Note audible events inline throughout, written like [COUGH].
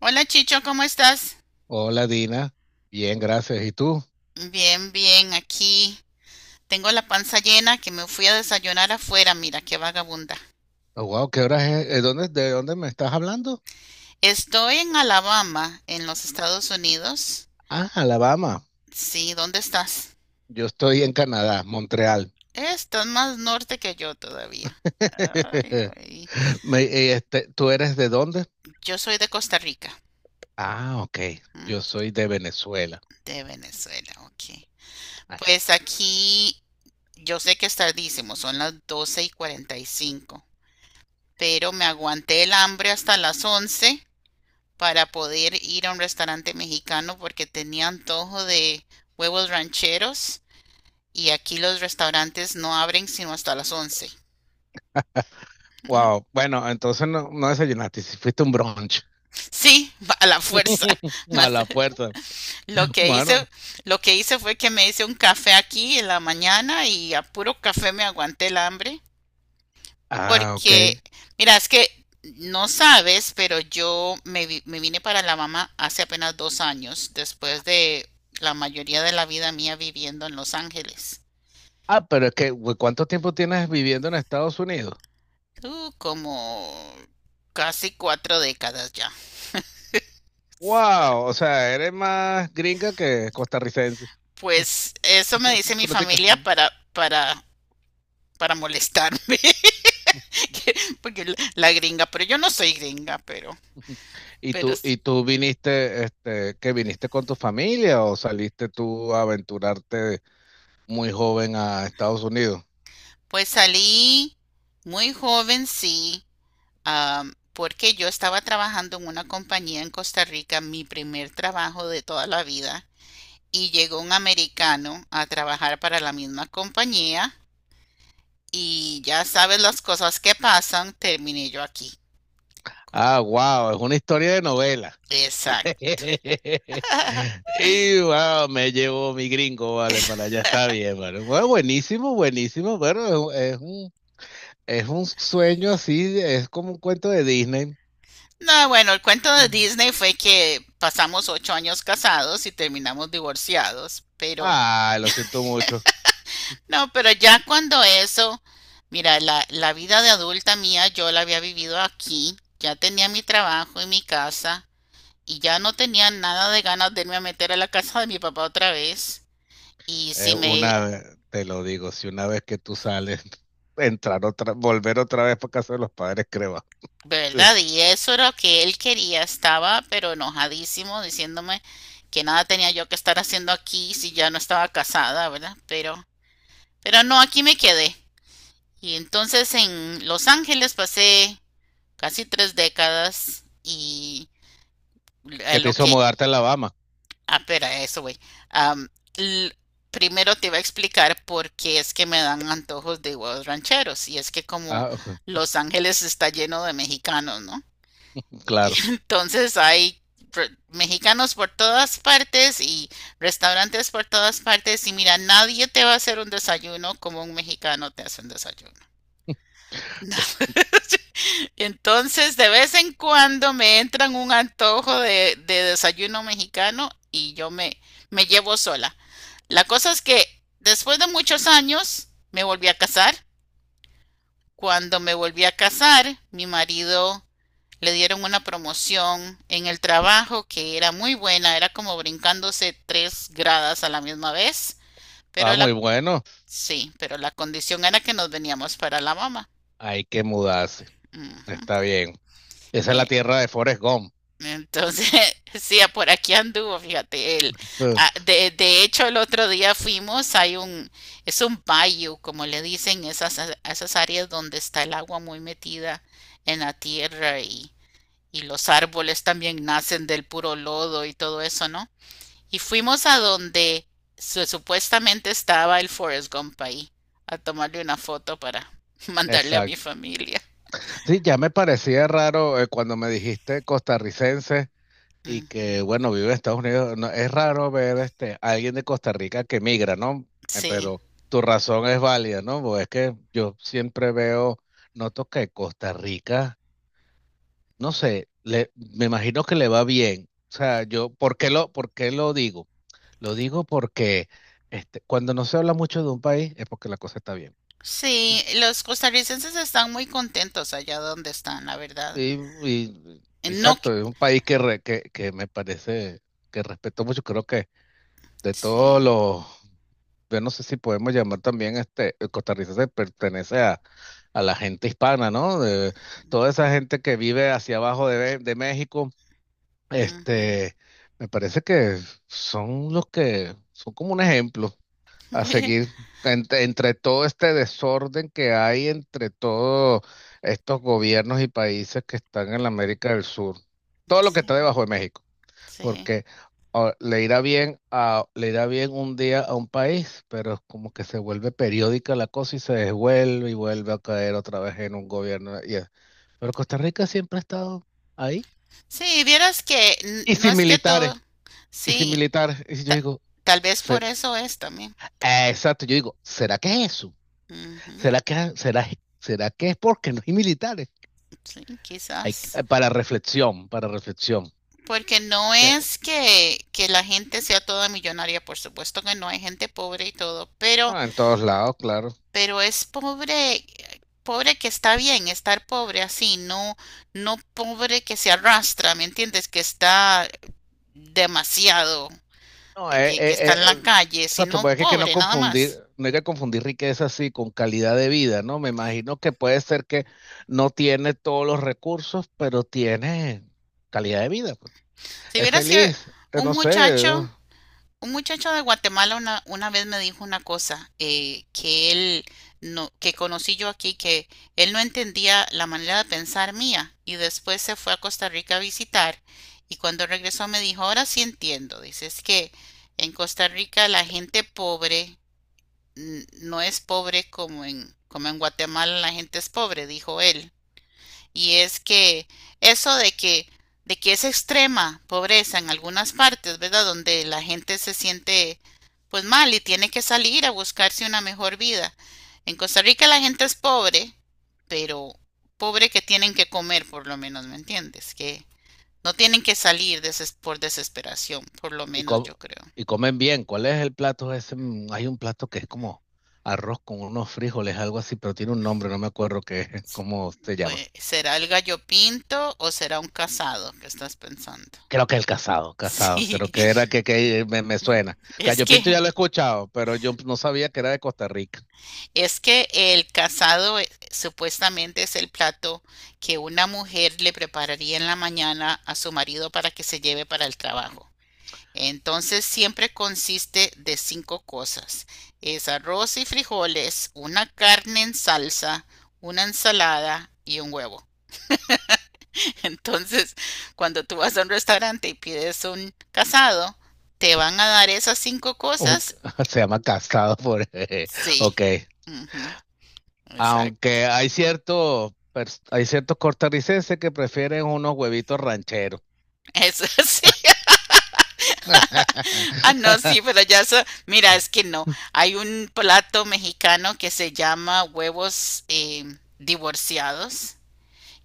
Hola Chicho, ¿cómo estás? Hola Dina, bien, gracias. ¿Y tú? Bien, bien, aquí tengo la panza llena que me fui a desayunar afuera, mira qué vagabunda. Oh, wow, ¿qué hora es? De dónde me estás hablando? Estoy en Alabama, en los Estados Unidos. Ah, Alabama. Sí, ¿dónde estás? Yo estoy en Canadá, Montreal. Estás más norte que yo todavía. Ay, [LAUGHS] ay. ¿Tú eres de dónde? Yo soy de Costa Rica, Ah, ok. ¿m? Yo soy de Venezuela. De Venezuela, ok. Ah, Pues aquí yo sé que es tardísimo, son las 12:45. Pero me aguanté el hambre hasta las 11. Para poder ir a un restaurante mexicano porque tenía antojo de huevos rancheros y aquí los restaurantes no abren sino hasta las 11. wow, [LAUGHS] bueno, entonces no, no desayunaste, si fuiste a un brunch Sí, a la fuerza. [LAUGHS] [LAUGHS] a Mas, la fuerza. Lo que hice, Bueno, lo que hice fue que me hice un café aquí en la mañana y a puro café me aguanté el hambre ah, ok. porque, mira, es que no sabes, pero yo me vine para la mamá hace apenas 2 años después de la mayoría de la vida mía viviendo en Los Ángeles. Ah, pero es que, güey, ¿cuánto tiempo tienes viviendo en Estados Unidos? Como casi 4 décadas ya. Wow, o sea, eres más gringa que costarricense. Pues eso me dice [LAUGHS] mi Práctica. familia para molestarme, [LAUGHS] que- porque la gringa, pero yo no soy gringa, pero s- Y tú viniste, que viniste con tu familia o saliste tú a aventurarte muy joven a Estados Unidos? pues salí muy joven, sí, porque yo estaba trabajando en una compañía en Costa Rica, mi primer trabajo de toda la vida, y llegó un americano a trabajar para la misma compañía, y ya sabes las cosas que pasan, terminé yo aquí. Ah, wow, es una historia de novela. Exacto. [LAUGHS] Y wow, me llevo mi gringo, vale, para allá está bien, vale. Bueno, buenísimo, buenísimo, bueno, es un sueño así, es como un cuento de Disney. No, bueno, el cuento de Mm. Disney fue que pasamos 8 años casados y terminamos divorciados, pero Ah, lo siento mucho. no, pero ya cuando eso, mira, la vida de adulta mía yo la había vivido aquí, ya tenía mi trabajo y mi casa y ya no tenía nada de ganas de irme a meter a la casa de mi papá otra vez. Y Eh, si me una, Te lo digo, si una vez que tú sales, [LAUGHS] entrar otra, volver otra vez para casa de los padres, creo. Sí. ¿Verdad? Y eso era lo que él quería. Estaba pero enojadísimo diciéndome que nada tenía yo que estar haciendo aquí si ya no estaba casada, ¿verdad? Pero no, aquí me quedé. Y entonces en Los Ángeles pasé casi 3 décadas y Que te lo hizo que... mudarte a Alabama? Ah, espera, eso, güey. Am, l- primero te iba a explicar por qué es que me dan antojos de huevos rancheros. Y es que como Ah, [LAUGHS] Los Ángeles está lleno de mexicanos, ¿no? Y claro. [LAUGHS] entonces hay mexicanos por todas partes y restaurantes por todas partes y mira, nadie te va a hacer un desayuno como un mexicano te hace un desayuno. [LAUGHS] Entonces, de vez en cuando me entran un antojo de desayuno mexicano y yo me llevo sola. La cosa es que después de muchos años me volví a casar. Cuando me volví a casar, mi marido le dieron una promoción en el trabajo que era muy buena, era como brincándose tres gradas a la misma vez, Ah, pero la, muy bueno. sí, pero la condición era que nos veníamos para la mamá. Hay que mudarse. Ujú. Está bien. Esa es la Eh, tierra de Forrest Gump. entonces, [LAUGHS] sí, por aquí anduvo, fíjate, él. Ah, [LAUGHS] de hecho, el otro día fuimos, es un bayou, como le dicen, esas áreas donde está el agua muy metida en la tierra y los árboles también nacen del puro lodo y todo eso, ¿no? Y fuimos a donde supuestamente estaba el Forrest Gump ahí, a tomarle una foto para [LAUGHS] mandarle a mi Exacto. familia. Sí, ya me parecía raro cuando me dijiste costarricense. Y Ujú. que, bueno, vive en Estados Unidos. No, es raro ver a alguien de Costa Rica que migra, ¿no? Sí, Pero tu razón es válida, ¿no? Pues es que yo siempre veo, noto que Costa Rica, no sé, le, me imagino que le va bien. O sea, yo, ¿por qué lo digo? Lo digo porque cuando no se habla mucho de un país es porque la cosa está bien. sí, los costarricenses están muy contentos allá donde están, la verdad. Y, No, exacto, es un país que, que me parece que respeto mucho. Creo que de todos sí. los, yo no sé si podemos llamar también Costa Rica se pertenece a la gente hispana, ¿no? De, toda esa gente que vive hacia abajo de México, Ujú. este, me parece que son los que son como un ejemplo a seguir [LAUGHS] entre, entre todo este desorden que hay entre todos estos gobiernos y países que están en la América del Sur, todo lo que está Sí, debajo de México sí. porque le irá bien a, le irá bien un día a un país, pero es como que se vuelve periódica la cosa y se desvuelve y vuelve a caer otra vez en un gobierno. Pero Costa Rica siempre ha estado ahí. Sí, vieras que Y no sin es que militares, todo, y sin sí, militares. Y si yo ta- digo, tal vez por ser, eso es también. Exacto, yo digo, ¿será que es eso? Ujú, ¿Será que, será, ¿será que es porque no hay militares? sí, quizás. Para reflexión, para reflexión. Porque no Bien. es que, la gente sea toda millonaria, por supuesto que no, hay gente pobre y todo, pero, Ah, en todos lados, claro. pero es pobre, pobre que está bien estar pobre así, no, no pobre que se arrastra, ¿me entiendes? Que está demasiado, No, que está en la calle, exacto, sino pues es que no pobre nada confundir, más. no hay que confundir riqueza así con calidad de vida, ¿no? Me imagino que puede ser que no tiene todos los recursos, pero tiene calidad de vida, pues. Si Es vieras que feliz, un no sé, eh, muchacho Un muchacho de Guatemala una vez me dijo una cosa que él no, que conocí yo aquí, que él no entendía la manera de pensar mía y después se fue a Costa Rica a visitar y cuando regresó me dijo, ahora sí entiendo, dice, es que en Costa Rica la gente pobre no es pobre como en Guatemala la gente es pobre, dijo él. Y es que eso de que es extrema pobreza en algunas partes, ¿verdad? Donde la gente se siente pues mal y tiene que salir a buscarse una mejor vida. En Costa Rica la gente es pobre, pero pobre que tienen que comer por lo menos, ¿me entiendes? Que no tienen que salir por desesperación, por lo y, menos yo creo. y comen bien. ¿Cuál es el plato ese? Mm, hay un plato que es como arroz con unos frijoles, algo así, pero tiene un nombre, no me acuerdo qué, [LAUGHS] S- cómo se llama. Pues, ¿será el gallo pinto o será un casado que estás pensando? Creo que el casado, [LAUGHS] casado, creo Sí, que era que, me suena. es Gallo Pinto que ya lo he escuchado, pero yo no sabía que era de Costa Rica. Es que el casado supuestamente es el plato que una mujer le prepararía en la mañana a su marido para que se lleve para el trabajo. Entonces siempre consiste de cinco cosas. Es arroz y frijoles, una carne en salsa, una ensalada y un huevo. [LAUGHS] Entonces, cuando tú vas a un restaurante y pides un casado, ¿te van a dar esas cinco Un- cosas? [LAUGHS] se llama casado por... [LAUGHS] Sí. ok. Ujú, exacto. Aunque hay ciertos, hay ciertos costarricenses que prefieren unos huevitos rancheros. Eso [LAUGHS] sí. [LAUGHS] Ah, no, sí, [LAUGHS] pero ya eso, mira, es que no. Hay un plato mexicano que se llama huevos divorciados,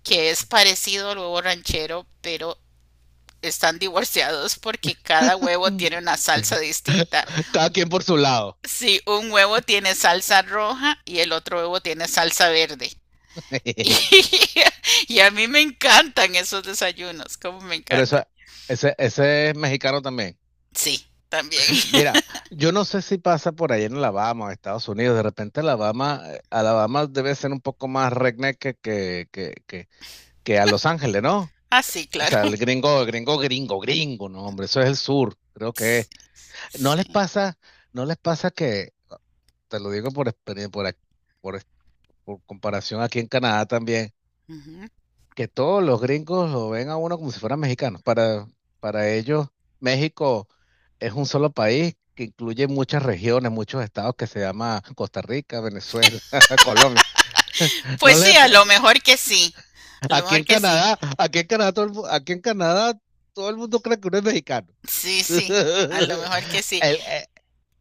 que es parecido al huevo ranchero, pero están divorciados porque cada huevo tiene una salsa distinta. Cada quien por su lado. Sí, un huevo tiene salsa roja y el otro huevo tiene salsa verde. [LAUGHS] Y, [LAUGHS] y a mí me encantan esos desayunos, como me Pero eso, encantan. Ese es mexicano también. Sí, también. Mira, [LAUGHS] yo no sé si pasa por ahí en Alabama o Estados Unidos. De repente Alabama, Alabama debe ser un poco más redneck que que a Los Ángeles, ¿no? Ah, sí, O claro. sea, el gringo, el gringo, gringo, no, hombre, eso es el sur, creo que es. Sí. No les Sí. pasa, no les pasa que, te lo digo por experiencia, por, ac- por, ex- por comparación aquí en Canadá también Ujú. que todos los gringos lo ven a uno como si fueran mexicanos. Para ellos, México es un solo país que incluye muchas regiones, muchos estados que se llama Costa Rica, Venezuela, [LAUGHS] Colombia. [LAUGHS] No Pues sí, le a lo pon- mejor que sí. A lo aquí mejor en que sí. Canadá, aquí en Canadá, todo el mundo cree que uno es mexicano. Sí, sí. A lo [LAUGHS] mejor que sí. El, eh,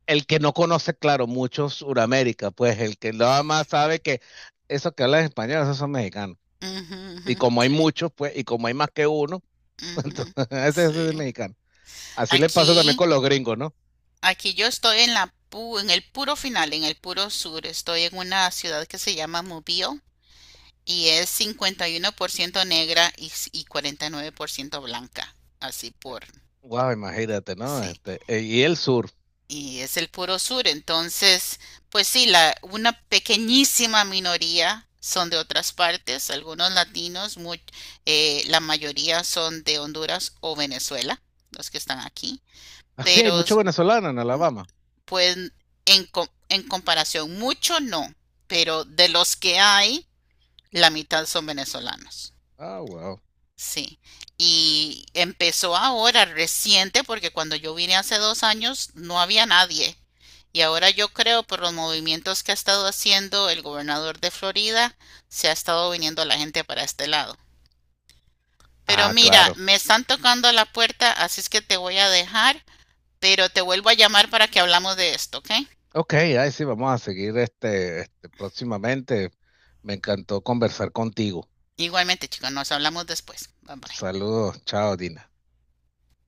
el que no conoce, claro, mucho Suramérica, pues el que nada más sabe que esos que hablan español, esos son mexicanos. Ujú, ujú, Y como hay sí. muchos, pues, y como hay más que uno, Ujú, [LAUGHS] ese es sí. mexicano. Así le pasa también Aquí, con los gringos, ¿no? aquí yo estoy en la en el puro final, en el puro sur. Estoy en una ciudad que se llama Mobile y es 51% negra y 49% blanca. Así por, Wow, imagínate, ¿no? sí. Este, y el sur. Y es el puro sur. Entonces, pues sí, una pequeñísima minoría son de otras partes, algunos latinos, la mayoría son de Honduras o Venezuela, los que están aquí, Así hay pero mucho s- venezolano en Alabama. pues en comparación, mucho no, pero de los que hay, la mitad son venezolanos. Ah, wow. Sí, y empezó ahora reciente porque cuando yo vine hace 2 años no había nadie. Y ahora yo creo por los movimientos que ha estado haciendo el gobernador de Florida, se ha estado viniendo la gente para este lado. Pero Ah, mira, claro. me están tocando la puerta, así es que te voy a dejar, pero te vuelvo a llamar para que hablamos de esto, ¿ok? Ok, ahí sí, vamos a seguir este, este próximamente. Me encantó conversar contigo. Igualmente, chicos, nos hablamos después. Bye bye. Saludos, chao, Dina.